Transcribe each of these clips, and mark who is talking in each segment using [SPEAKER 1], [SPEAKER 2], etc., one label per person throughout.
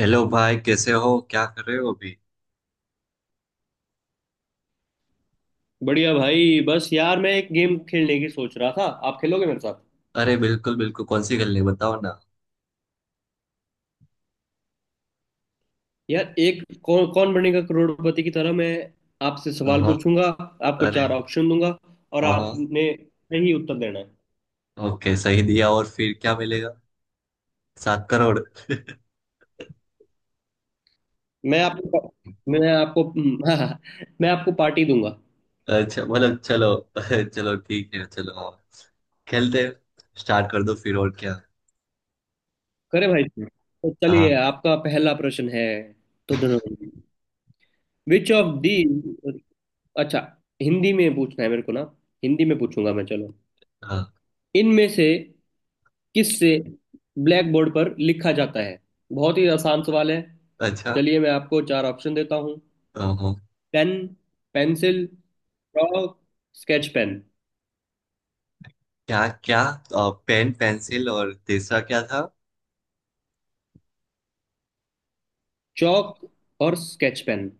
[SPEAKER 1] Hello भाई, कैसे हो? क्या कर रहे हो अभी?
[SPEAKER 2] बढ़िया भाई, बस यार मैं एक गेम खेलने की सोच रहा था, आप खेलोगे मेरे साथ?
[SPEAKER 1] अरे बिल्कुल बिल्कुल, कौन सी खेलनी है? बताओ ना।
[SPEAKER 2] यार एक कौन कौन बनेगा करोड़पति की तरह मैं आपसे
[SPEAKER 1] हाँ
[SPEAKER 2] सवाल
[SPEAKER 1] हाँ।
[SPEAKER 2] पूछूंगा। आपको
[SPEAKER 1] अरे।
[SPEAKER 2] चार ऑप्शन दूंगा और
[SPEAKER 1] हाँ हाँ।
[SPEAKER 2] आपने सही उत्तर देना है।
[SPEAKER 1] ओके, सही दिया और फिर क्या मिलेगा? 7 करोड़।
[SPEAKER 2] मैं आपको मैं आपको हाँ, मैं आपको पार्टी दूंगा।
[SPEAKER 1] अच्छा मतलब चलो। चलो ठीक है, चलो हाँ। खेलते हैं। स्टार्ट कर दो फिर, और क्या।
[SPEAKER 2] करे भाई साहब? तो चलिए,
[SPEAKER 1] हाँ
[SPEAKER 2] आपका पहला प्रश्न है। तो दोनों विच ऑफ दी अच्छा, हिंदी में पूछना है मेरे को ना। हिंदी में पूछूंगा मैं। चलो,
[SPEAKER 1] हाँ।
[SPEAKER 2] इनमें से किससे ब्लैक बोर्ड पर लिखा जाता है? बहुत ही आसान सवाल है।
[SPEAKER 1] अच्छा।
[SPEAKER 2] चलिए मैं आपको चार ऑप्शन देता हूँ।
[SPEAKER 1] हाँ हाँ।
[SPEAKER 2] Pen, pencil, chalk, sketch pen.
[SPEAKER 1] क्या क्या? पेन, पेंसिल और तीसरा क्या था?
[SPEAKER 2] चौक और स्केच पेन।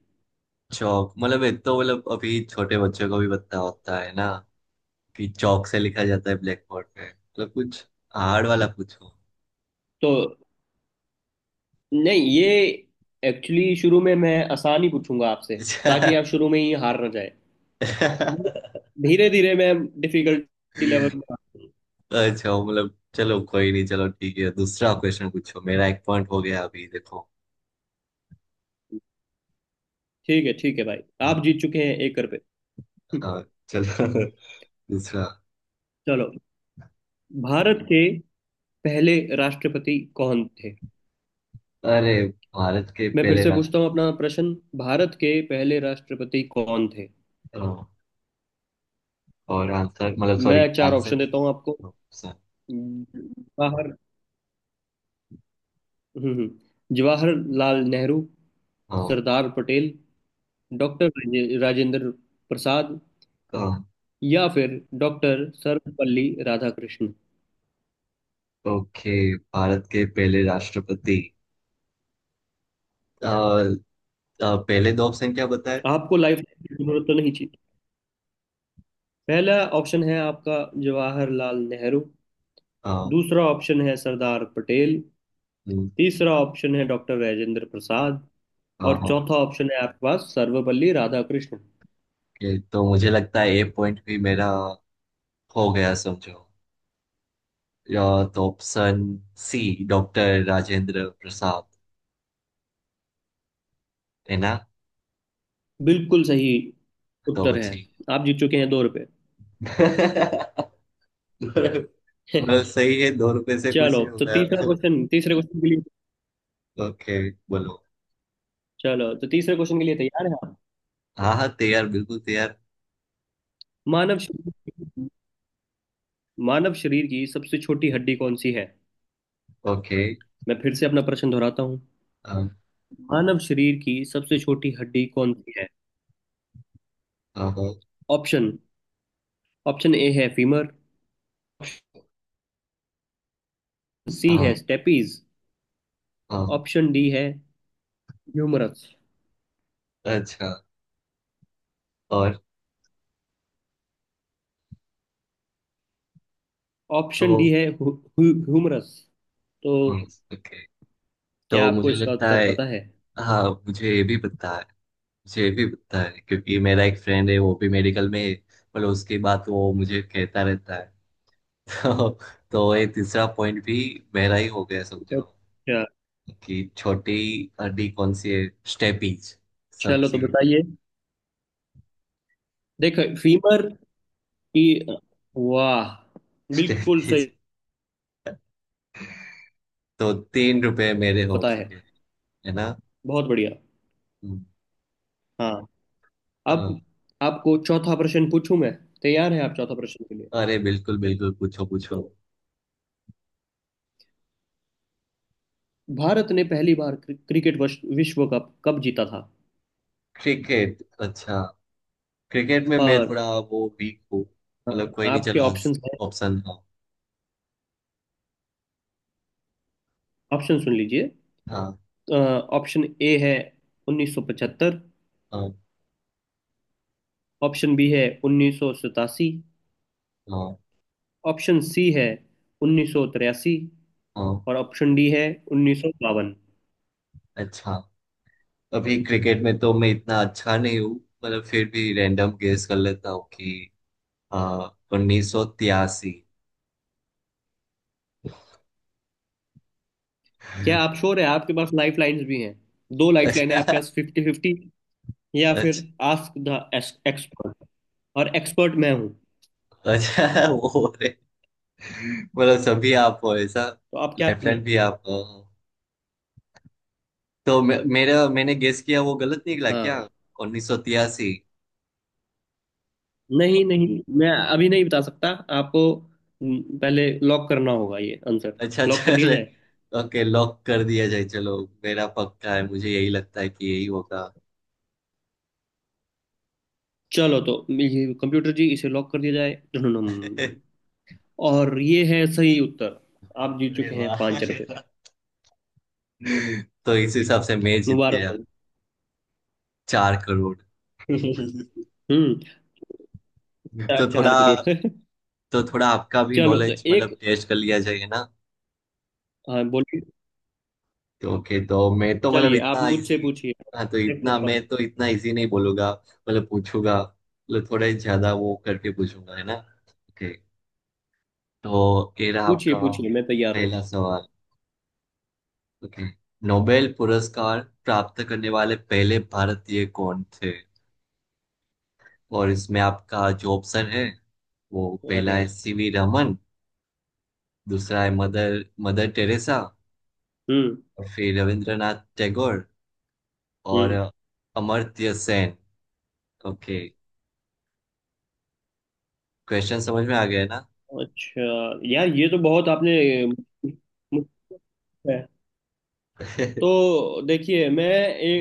[SPEAKER 1] चौक? मतलब ये तो, मतलब अभी छोटे बच्चों को भी पता होता है ना कि चौक से लिखा जाता है ब्लैक बोर्ड पे। मतलब कुछ हार्ड वाला पूछो।
[SPEAKER 2] तो नहीं, ये एक्चुअली शुरू में मैं आसान ही पूछूंगा आपसे, ताकि
[SPEAKER 1] अच्छा।
[SPEAKER 2] आप शुरू में ही हार ना जाए।
[SPEAKER 1] अच्छा।
[SPEAKER 2] धीरे धीरे मैं डिफिकल्टी लेवल में आता हूँ।
[SPEAKER 1] मतलब चलो, कोई नहीं, चलो ठीक है, दूसरा क्वेश्चन पूछो। मेरा एक पॉइंट हो गया अभी, देखो।
[SPEAKER 2] ठीक है भाई।
[SPEAKER 1] हम्म।
[SPEAKER 2] आप जीत चुके हैं एक कर पे।
[SPEAKER 1] हाँ। चलो। दूसरा।
[SPEAKER 2] चलो, भारत के पहले राष्ट्रपति कौन थे?
[SPEAKER 1] अरे। भारत के
[SPEAKER 2] मैं फिर
[SPEAKER 1] पहले
[SPEAKER 2] से पूछता हूँ अपना
[SPEAKER 1] राष्ट्रपति।
[SPEAKER 2] प्रश्न। भारत के पहले राष्ट्रपति कौन थे?
[SPEAKER 1] हाँ। और आंसर मतलब, सॉरी,
[SPEAKER 2] मैं चार
[SPEAKER 1] आंसर
[SPEAKER 2] ऑप्शन
[SPEAKER 1] नहीं।
[SPEAKER 2] देता हूँ आपको।
[SPEAKER 1] हाँ सर।
[SPEAKER 2] जवाहर हम्म हम्म, जवाहरलाल नेहरू,
[SPEAKER 1] हाँ
[SPEAKER 2] सरदार पटेल, डॉक्टर राजेंद्र प्रसाद,
[SPEAKER 1] हाँ।
[SPEAKER 2] या फिर डॉक्टर सर्वपल्ली राधाकृष्णन।
[SPEAKER 1] ओके, भारत के पहले राष्ट्रपति। अ, अ, पहले दो ऑप्शन क्या बताए?
[SPEAKER 2] आपको लाइफ की जरूरत तो नहीं चाहिए? पहला ऑप्शन है आपका जवाहरलाल नेहरू।
[SPEAKER 1] हाँ।
[SPEAKER 2] दूसरा ऑप्शन है सरदार पटेल।
[SPEAKER 1] हम्म।
[SPEAKER 2] तीसरा ऑप्शन है डॉक्टर राजेंद्र प्रसाद।
[SPEAKER 1] हाँ
[SPEAKER 2] और
[SPEAKER 1] हाँ।
[SPEAKER 2] चौथा ऑप्शन है आपके पास सर्वपल्ली राधाकृष्ण।
[SPEAKER 1] ये तो मुझे लगता है ए पॉइंट भी मेरा हो गया समझो। या तो option C doctor Rajendra Prasad, है ना?
[SPEAKER 2] बिल्कुल सही
[SPEAKER 1] तो
[SPEAKER 2] उत्तर है।
[SPEAKER 1] बची।
[SPEAKER 2] आप जीत चुके हैं 2 रुपए।
[SPEAKER 1] मतलब सही है, 2 रुपए से कुछ
[SPEAKER 2] चलो,
[SPEAKER 1] नहीं
[SPEAKER 2] तो तीसरा
[SPEAKER 1] होगा।
[SPEAKER 2] क्वेश्चन तीसरे क्वेश्चन के लिए।
[SPEAKER 1] ओके। बोलो।
[SPEAKER 2] चलो, तो तीसरे क्वेश्चन के लिए तैयार है आप?
[SPEAKER 1] हाँ हाँ, तैयार, बिल्कुल तैयार।
[SPEAKER 2] मानव शरीर मानव शरीर की सबसे छोटी हड्डी कौन सी है?
[SPEAKER 1] ओके।
[SPEAKER 2] मैं फिर से अपना प्रश्न दोहराता हूँ।
[SPEAKER 1] अम,
[SPEAKER 2] मानव शरीर की सबसे छोटी हड्डी कौन सी है?
[SPEAKER 1] अम,
[SPEAKER 2] ऑप्शन ऑप्शन ए है फीमर। सी है
[SPEAKER 1] अम,
[SPEAKER 2] स्टेपीज।
[SPEAKER 1] अम,
[SPEAKER 2] ऑप्शन डी है ह्यूमरस।
[SPEAKER 1] अच्छा। और। तो।
[SPEAKER 2] ऑप्शन डी है ह्यूमरस। तो
[SPEAKER 1] हम्म। ओके।
[SPEAKER 2] क्या
[SPEAKER 1] तो
[SPEAKER 2] आपको
[SPEAKER 1] मुझे
[SPEAKER 2] इसका
[SPEAKER 1] लगता
[SPEAKER 2] उत्तर
[SPEAKER 1] है।
[SPEAKER 2] पता है?
[SPEAKER 1] हाँ, मुझे ये भी पता है। मुझे भी पता है क्योंकि मेरा एक फ्रेंड है, वो भी मेडिकल में है। पर उसकी बात वो मुझे कहता रहता है। तो, तो ये तीसरा पॉइंट भी मेरा ही हो गया समझो।
[SPEAKER 2] अच्छा,
[SPEAKER 1] कि छोटी हड्डी कौन सी है? स्टेपीज।
[SPEAKER 2] चलो तो
[SPEAKER 1] सबसे।
[SPEAKER 2] बताइए। देखो, फीमर की... वाह, बिल्कुल
[SPEAKER 1] स्टेपीज।
[SPEAKER 2] सही।
[SPEAKER 1] तो 3 रुपए मेरे हो
[SPEAKER 2] पता है।
[SPEAKER 1] चुके हैं, है ना?
[SPEAKER 2] बहुत बढ़िया।
[SPEAKER 1] हम्म।
[SPEAKER 2] हाँ, अब
[SPEAKER 1] हाँ।
[SPEAKER 2] आपको चौथा प्रश्न पूछूं मैं। तैयार हैं आप चौथा प्रश्न के लिए?
[SPEAKER 1] अरे बिल्कुल बिल्कुल, पूछो पूछो।
[SPEAKER 2] भारत ने पहली बार क्रिकेट विश्व कप कब जीता था?
[SPEAKER 1] क्रिकेट, अच्छा। क्रिकेट में मैं
[SPEAKER 2] और
[SPEAKER 1] थोड़ा वो वीक हूँ।
[SPEAKER 2] हाँ,
[SPEAKER 1] मतलब कोई नहीं,
[SPEAKER 2] आपके
[SPEAKER 1] चलो
[SPEAKER 2] ऑप्शंस हैं।
[SPEAKER 1] आंसर ऑप्शन, हाँ।
[SPEAKER 2] ऑप्शन सुन लीजिए।
[SPEAKER 1] हाँ।
[SPEAKER 2] अ, ऑप्शन ए है 1975।
[SPEAKER 1] हाँ।
[SPEAKER 2] ऑप्शन बी है 1987।
[SPEAKER 1] हाँ।
[SPEAKER 2] ऑप्शन सी है 1983।
[SPEAKER 1] हाँ।
[SPEAKER 2] और ऑप्शन डी है 1952।
[SPEAKER 1] अच्छा। अभी क्रिकेट में तो मैं इतना अच्छा नहीं हूँ। मतलब फिर भी रैंडम गेस कर लेता हूँ कि हाँ, 1983।
[SPEAKER 2] क्या आप श्योर है? आपके पास लाइफ लाइन्स भी हैं। दो लाइफ लाइन है
[SPEAKER 1] अच्छा।
[SPEAKER 2] आपके पास, फिफ्टी फिफ्टी, या
[SPEAKER 1] अच्छा।
[SPEAKER 2] फिर आस्क द एक्सपर्ट, और एक्सपर्ट मैं हूँ।
[SPEAKER 1] अच्छा, वो रे। मतलब सभी आप हो ऐसा?
[SPEAKER 2] तो आप क्या
[SPEAKER 1] लाइफलाइन भी
[SPEAKER 2] करेंगे?
[SPEAKER 1] आप हो। तो मेरा, मैंने गेस किया वो गलत निकला क्या?
[SPEAKER 2] हाँ,
[SPEAKER 1] 1983।
[SPEAKER 2] नहीं नहीं, मैं अभी नहीं बता सकता आपको। पहले लॉक करना होगा ये आंसर।
[SPEAKER 1] अच्छा
[SPEAKER 2] लॉक कर दिया
[SPEAKER 1] चले।
[SPEAKER 2] जाए?
[SPEAKER 1] ओके, लॉक कर दिया जाए, चलो। मेरा पक्का है, मुझे यही लगता है कि यही होगा।
[SPEAKER 2] चलो, तो ये कंप्यूटर जी, इसे लॉक कर दिया जाए, धुनुनुम।
[SPEAKER 1] अरे।
[SPEAKER 2] और ये है सही उत्तर। आप जीत चुके हैं
[SPEAKER 1] वाह।
[SPEAKER 2] 5 रुपए।
[SPEAKER 1] तो इस हिसाब से मैं जीत
[SPEAKER 2] मुबारक
[SPEAKER 1] गया
[SPEAKER 2] हो।
[SPEAKER 1] 4 करोड़।
[SPEAKER 2] हम्म। चार
[SPEAKER 1] तो थोड़ा
[SPEAKER 2] चार करोड़।
[SPEAKER 1] तो थोड़ा आपका भी
[SPEAKER 2] चलो, तो
[SPEAKER 1] नॉलेज,
[SPEAKER 2] एक...
[SPEAKER 1] मतलब, टेस्ट कर लिया जाएगा ना?
[SPEAKER 2] हाँ, बोलिए।
[SPEAKER 1] तो ओके, तो मैं तो, मतलब,
[SPEAKER 2] चलिए, आप
[SPEAKER 1] इतना
[SPEAKER 2] मुझसे
[SPEAKER 1] इजी।
[SPEAKER 2] पूछिए।
[SPEAKER 1] हाँ, तो
[SPEAKER 2] देखो
[SPEAKER 1] इतना मैं,
[SPEAKER 2] अपन-
[SPEAKER 1] तो इतना इजी नहीं बोलूंगा। मतलब पूछूंगा, मतलब थोड़े ज्यादा वो करके पूछूंगा, है ना? ओके। तो ये रहा
[SPEAKER 2] पूछिए
[SPEAKER 1] आपका
[SPEAKER 2] पूछिए, मैं तैयार हूँ।
[SPEAKER 1] पहला सवाल। ओके। नोबेल पुरस्कार प्राप्त करने वाले पहले भारतीय कौन थे? और इसमें आपका जो ऑप्शन है, वो
[SPEAKER 2] अरे,
[SPEAKER 1] पहला है सीवी रमन। दूसरा है मदर मदर टेरेसा।
[SPEAKER 2] हम्म,
[SPEAKER 1] और फिर रविंद्रनाथ टैगोर। और
[SPEAKER 2] हम्म,
[SPEAKER 1] अमर्त्य सेन। ओके। क्वेश्चन समझ में आ गया ना?
[SPEAKER 2] अच्छा। यार, ये तो बहुत आपने मुझसे है। तो देखिए, मैं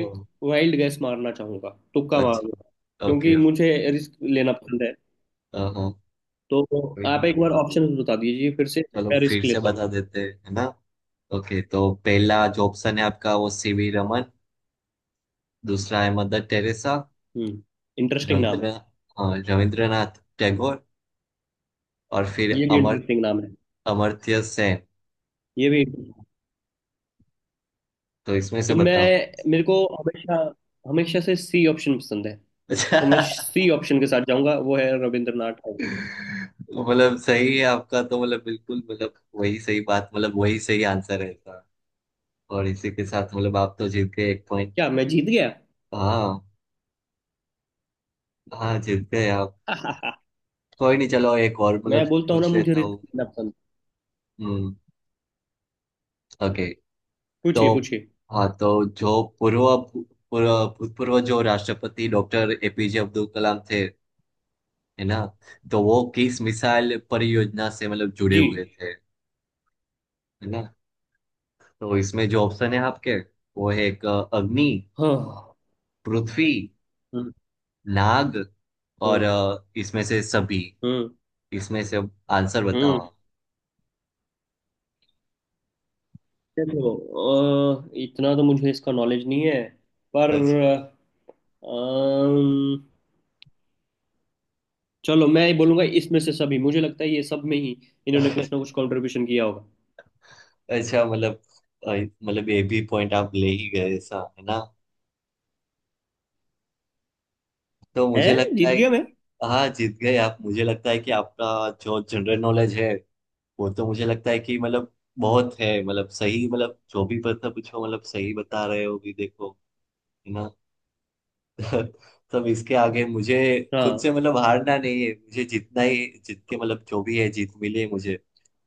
[SPEAKER 1] ओ,
[SPEAKER 2] वाइल्ड गैस मारना चाहूंगा, तुक्का मारूंगा,
[SPEAKER 1] अच्छा। ओके
[SPEAKER 2] क्योंकि
[SPEAKER 1] ओके।
[SPEAKER 2] मुझे रिस्क लेना पसंद है।
[SPEAKER 1] हाँ,
[SPEAKER 2] तो
[SPEAKER 1] कोई
[SPEAKER 2] आप
[SPEAKER 1] नहीं,
[SPEAKER 2] एक बार ऑप्शन बता दीजिए फिर से।
[SPEAKER 1] चलो
[SPEAKER 2] मैं
[SPEAKER 1] फिर
[SPEAKER 2] रिस्क
[SPEAKER 1] से
[SPEAKER 2] लेता हूँ।
[SPEAKER 1] बता देते हैं, है ना? ओके, तो पहला जो ऑप्शन है आपका, वो सीवी रमन। दूसरा है मदर टेरेसा।
[SPEAKER 2] हम्म। इंटरेस्टिंग नाम है।
[SPEAKER 1] रविंद्र हाँ, रविंद्रनाथ टैगोर। और फिर
[SPEAKER 2] ये भी इंटरेस्टिंग नाम है।
[SPEAKER 1] अमर्त्य सेन।
[SPEAKER 2] ये भी।
[SPEAKER 1] तो इसमें से
[SPEAKER 2] तो
[SPEAKER 1] बताओ।
[SPEAKER 2] मैं मेरे को हमेशा, हमेशा से सी ऑप्शन पसंद है। तो
[SPEAKER 1] अच्छा,
[SPEAKER 2] मैं सी ऑप्शन के साथ जाऊंगा, वो है रविंद्रनाथ टैगोर।
[SPEAKER 1] तो मतलब सही है आपका, तो मतलब बिल्कुल, मतलब वही सही बात, मतलब वही सही आंसर है इसका। और इसी के साथ मतलब आप तो जीत गए एक पॉइंट।
[SPEAKER 2] क्या मैं जीत गया?
[SPEAKER 1] हाँ। हाँ, जीत गए आप। कोई नहीं, चलो एक और
[SPEAKER 2] मैं
[SPEAKER 1] मतलब
[SPEAKER 2] बोलता हूँ ना,
[SPEAKER 1] पूछ
[SPEAKER 2] मुझे
[SPEAKER 1] लेता
[SPEAKER 2] रिस्क
[SPEAKER 1] हूँ।
[SPEAKER 2] लेना पसंद।
[SPEAKER 1] हम्म। ओके। तो,
[SPEAKER 2] पूछिए पूछिए।
[SPEAKER 1] हाँ, तो जो पूर्व पूर्व भूतपूर्व जो राष्ट्रपति डॉक्टर एपीजे अब्दुल कलाम थे, है ना? तो वो किस मिसाइल परियोजना से मतलब जुड़े
[SPEAKER 2] जी,
[SPEAKER 1] हुए थे, है ना? तो इसमें जो ऑप्शन है आपके, वो है एक, अग्नि,
[SPEAKER 2] हाँ,
[SPEAKER 1] पृथ्वी,
[SPEAKER 2] हम्म,
[SPEAKER 1] नाग, और
[SPEAKER 2] हम्म,
[SPEAKER 1] इसमें से सभी।
[SPEAKER 2] हम्म,
[SPEAKER 1] इसमें से अब आंसर बताओ
[SPEAKER 2] हम्म।
[SPEAKER 1] आप।
[SPEAKER 2] देखो, इतना तो मुझे इसका नॉलेज नहीं है, पर
[SPEAKER 1] अच्छा।
[SPEAKER 2] अम, चलो मैं ये बोलूंगा, इसमें से सभी। मुझे लगता है ये सब में ही इन्होंने कुछ ना कुछ कंट्रीब्यूशन किया होगा।
[SPEAKER 1] अच्छा, मतलब अ, ये भी पॉइंट आप ले ही गए ऐसा, है ना? तो
[SPEAKER 2] है,
[SPEAKER 1] मुझे लगता
[SPEAKER 2] जीत
[SPEAKER 1] है,
[SPEAKER 2] गया मैं।
[SPEAKER 1] हाँ, जीत गए आप। मुझे लगता है कि आपका जो जनरल नॉलेज है, वो तो मुझे लगता है कि, मतलब, बहुत है। मतलब सही, मतलब जो भी पता पूछो, मतलब सही बता रहे हो भी, देखो, है ना? तब इसके आगे मुझे खुद
[SPEAKER 2] हाँ,
[SPEAKER 1] से मतलब हारना नहीं है मुझे। जितना ही जीत के, मतलब, जो भी है जीत मिले मुझे,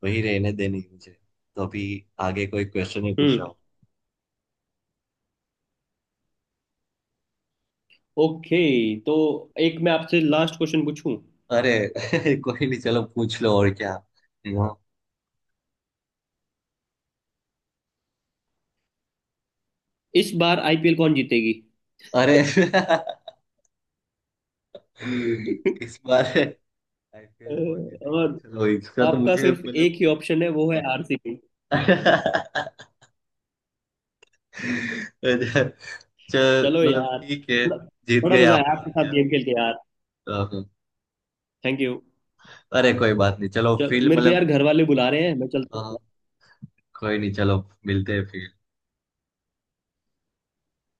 [SPEAKER 1] वही रहने देनी है मुझे। तो अभी आगे कोई क्वेश्चन ही पूछ
[SPEAKER 2] हम्म,
[SPEAKER 1] रहा हूँ।
[SPEAKER 2] ओके। तो एक मैं आपसे लास्ट क्वेश्चन पूछूं?
[SPEAKER 1] अरे। कोई नहीं, चलो पूछ लो और क्या। हाँ।
[SPEAKER 2] इस बार आईपीएल कौन जीतेगी?
[SPEAKER 1] अरे। इस बार
[SPEAKER 2] अ,
[SPEAKER 1] आईपीएल कौन जीतेगी?
[SPEAKER 2] और
[SPEAKER 1] चलो इसका तो
[SPEAKER 2] आपका
[SPEAKER 1] मुझे,
[SPEAKER 2] सिर्फ
[SPEAKER 1] मतलब।
[SPEAKER 2] एक ही ऑप्शन है, वो है आरसीबी।
[SPEAKER 1] चल,
[SPEAKER 2] चलो
[SPEAKER 1] मतलब
[SPEAKER 2] यार,
[SPEAKER 1] ठीक है।
[SPEAKER 2] बड़ा
[SPEAKER 1] जीत
[SPEAKER 2] बड़ा
[SPEAKER 1] गए
[SPEAKER 2] मजा
[SPEAKER 1] आप
[SPEAKER 2] आया
[SPEAKER 1] और
[SPEAKER 2] आपके साथ
[SPEAKER 1] क्या।
[SPEAKER 2] गेम खेल के, यार।
[SPEAKER 1] हाँ हाँ।
[SPEAKER 2] Thank you.
[SPEAKER 1] अरे कोई बात नहीं, चलो
[SPEAKER 2] चलो,
[SPEAKER 1] फिर
[SPEAKER 2] मेरे को यार
[SPEAKER 1] मतलब।
[SPEAKER 2] घर वाले बुला रहे हैं, मैं चलता
[SPEAKER 1] हाँ।
[SPEAKER 2] हूँ।
[SPEAKER 1] कोई नहीं, चलो मिलते हैं फिर।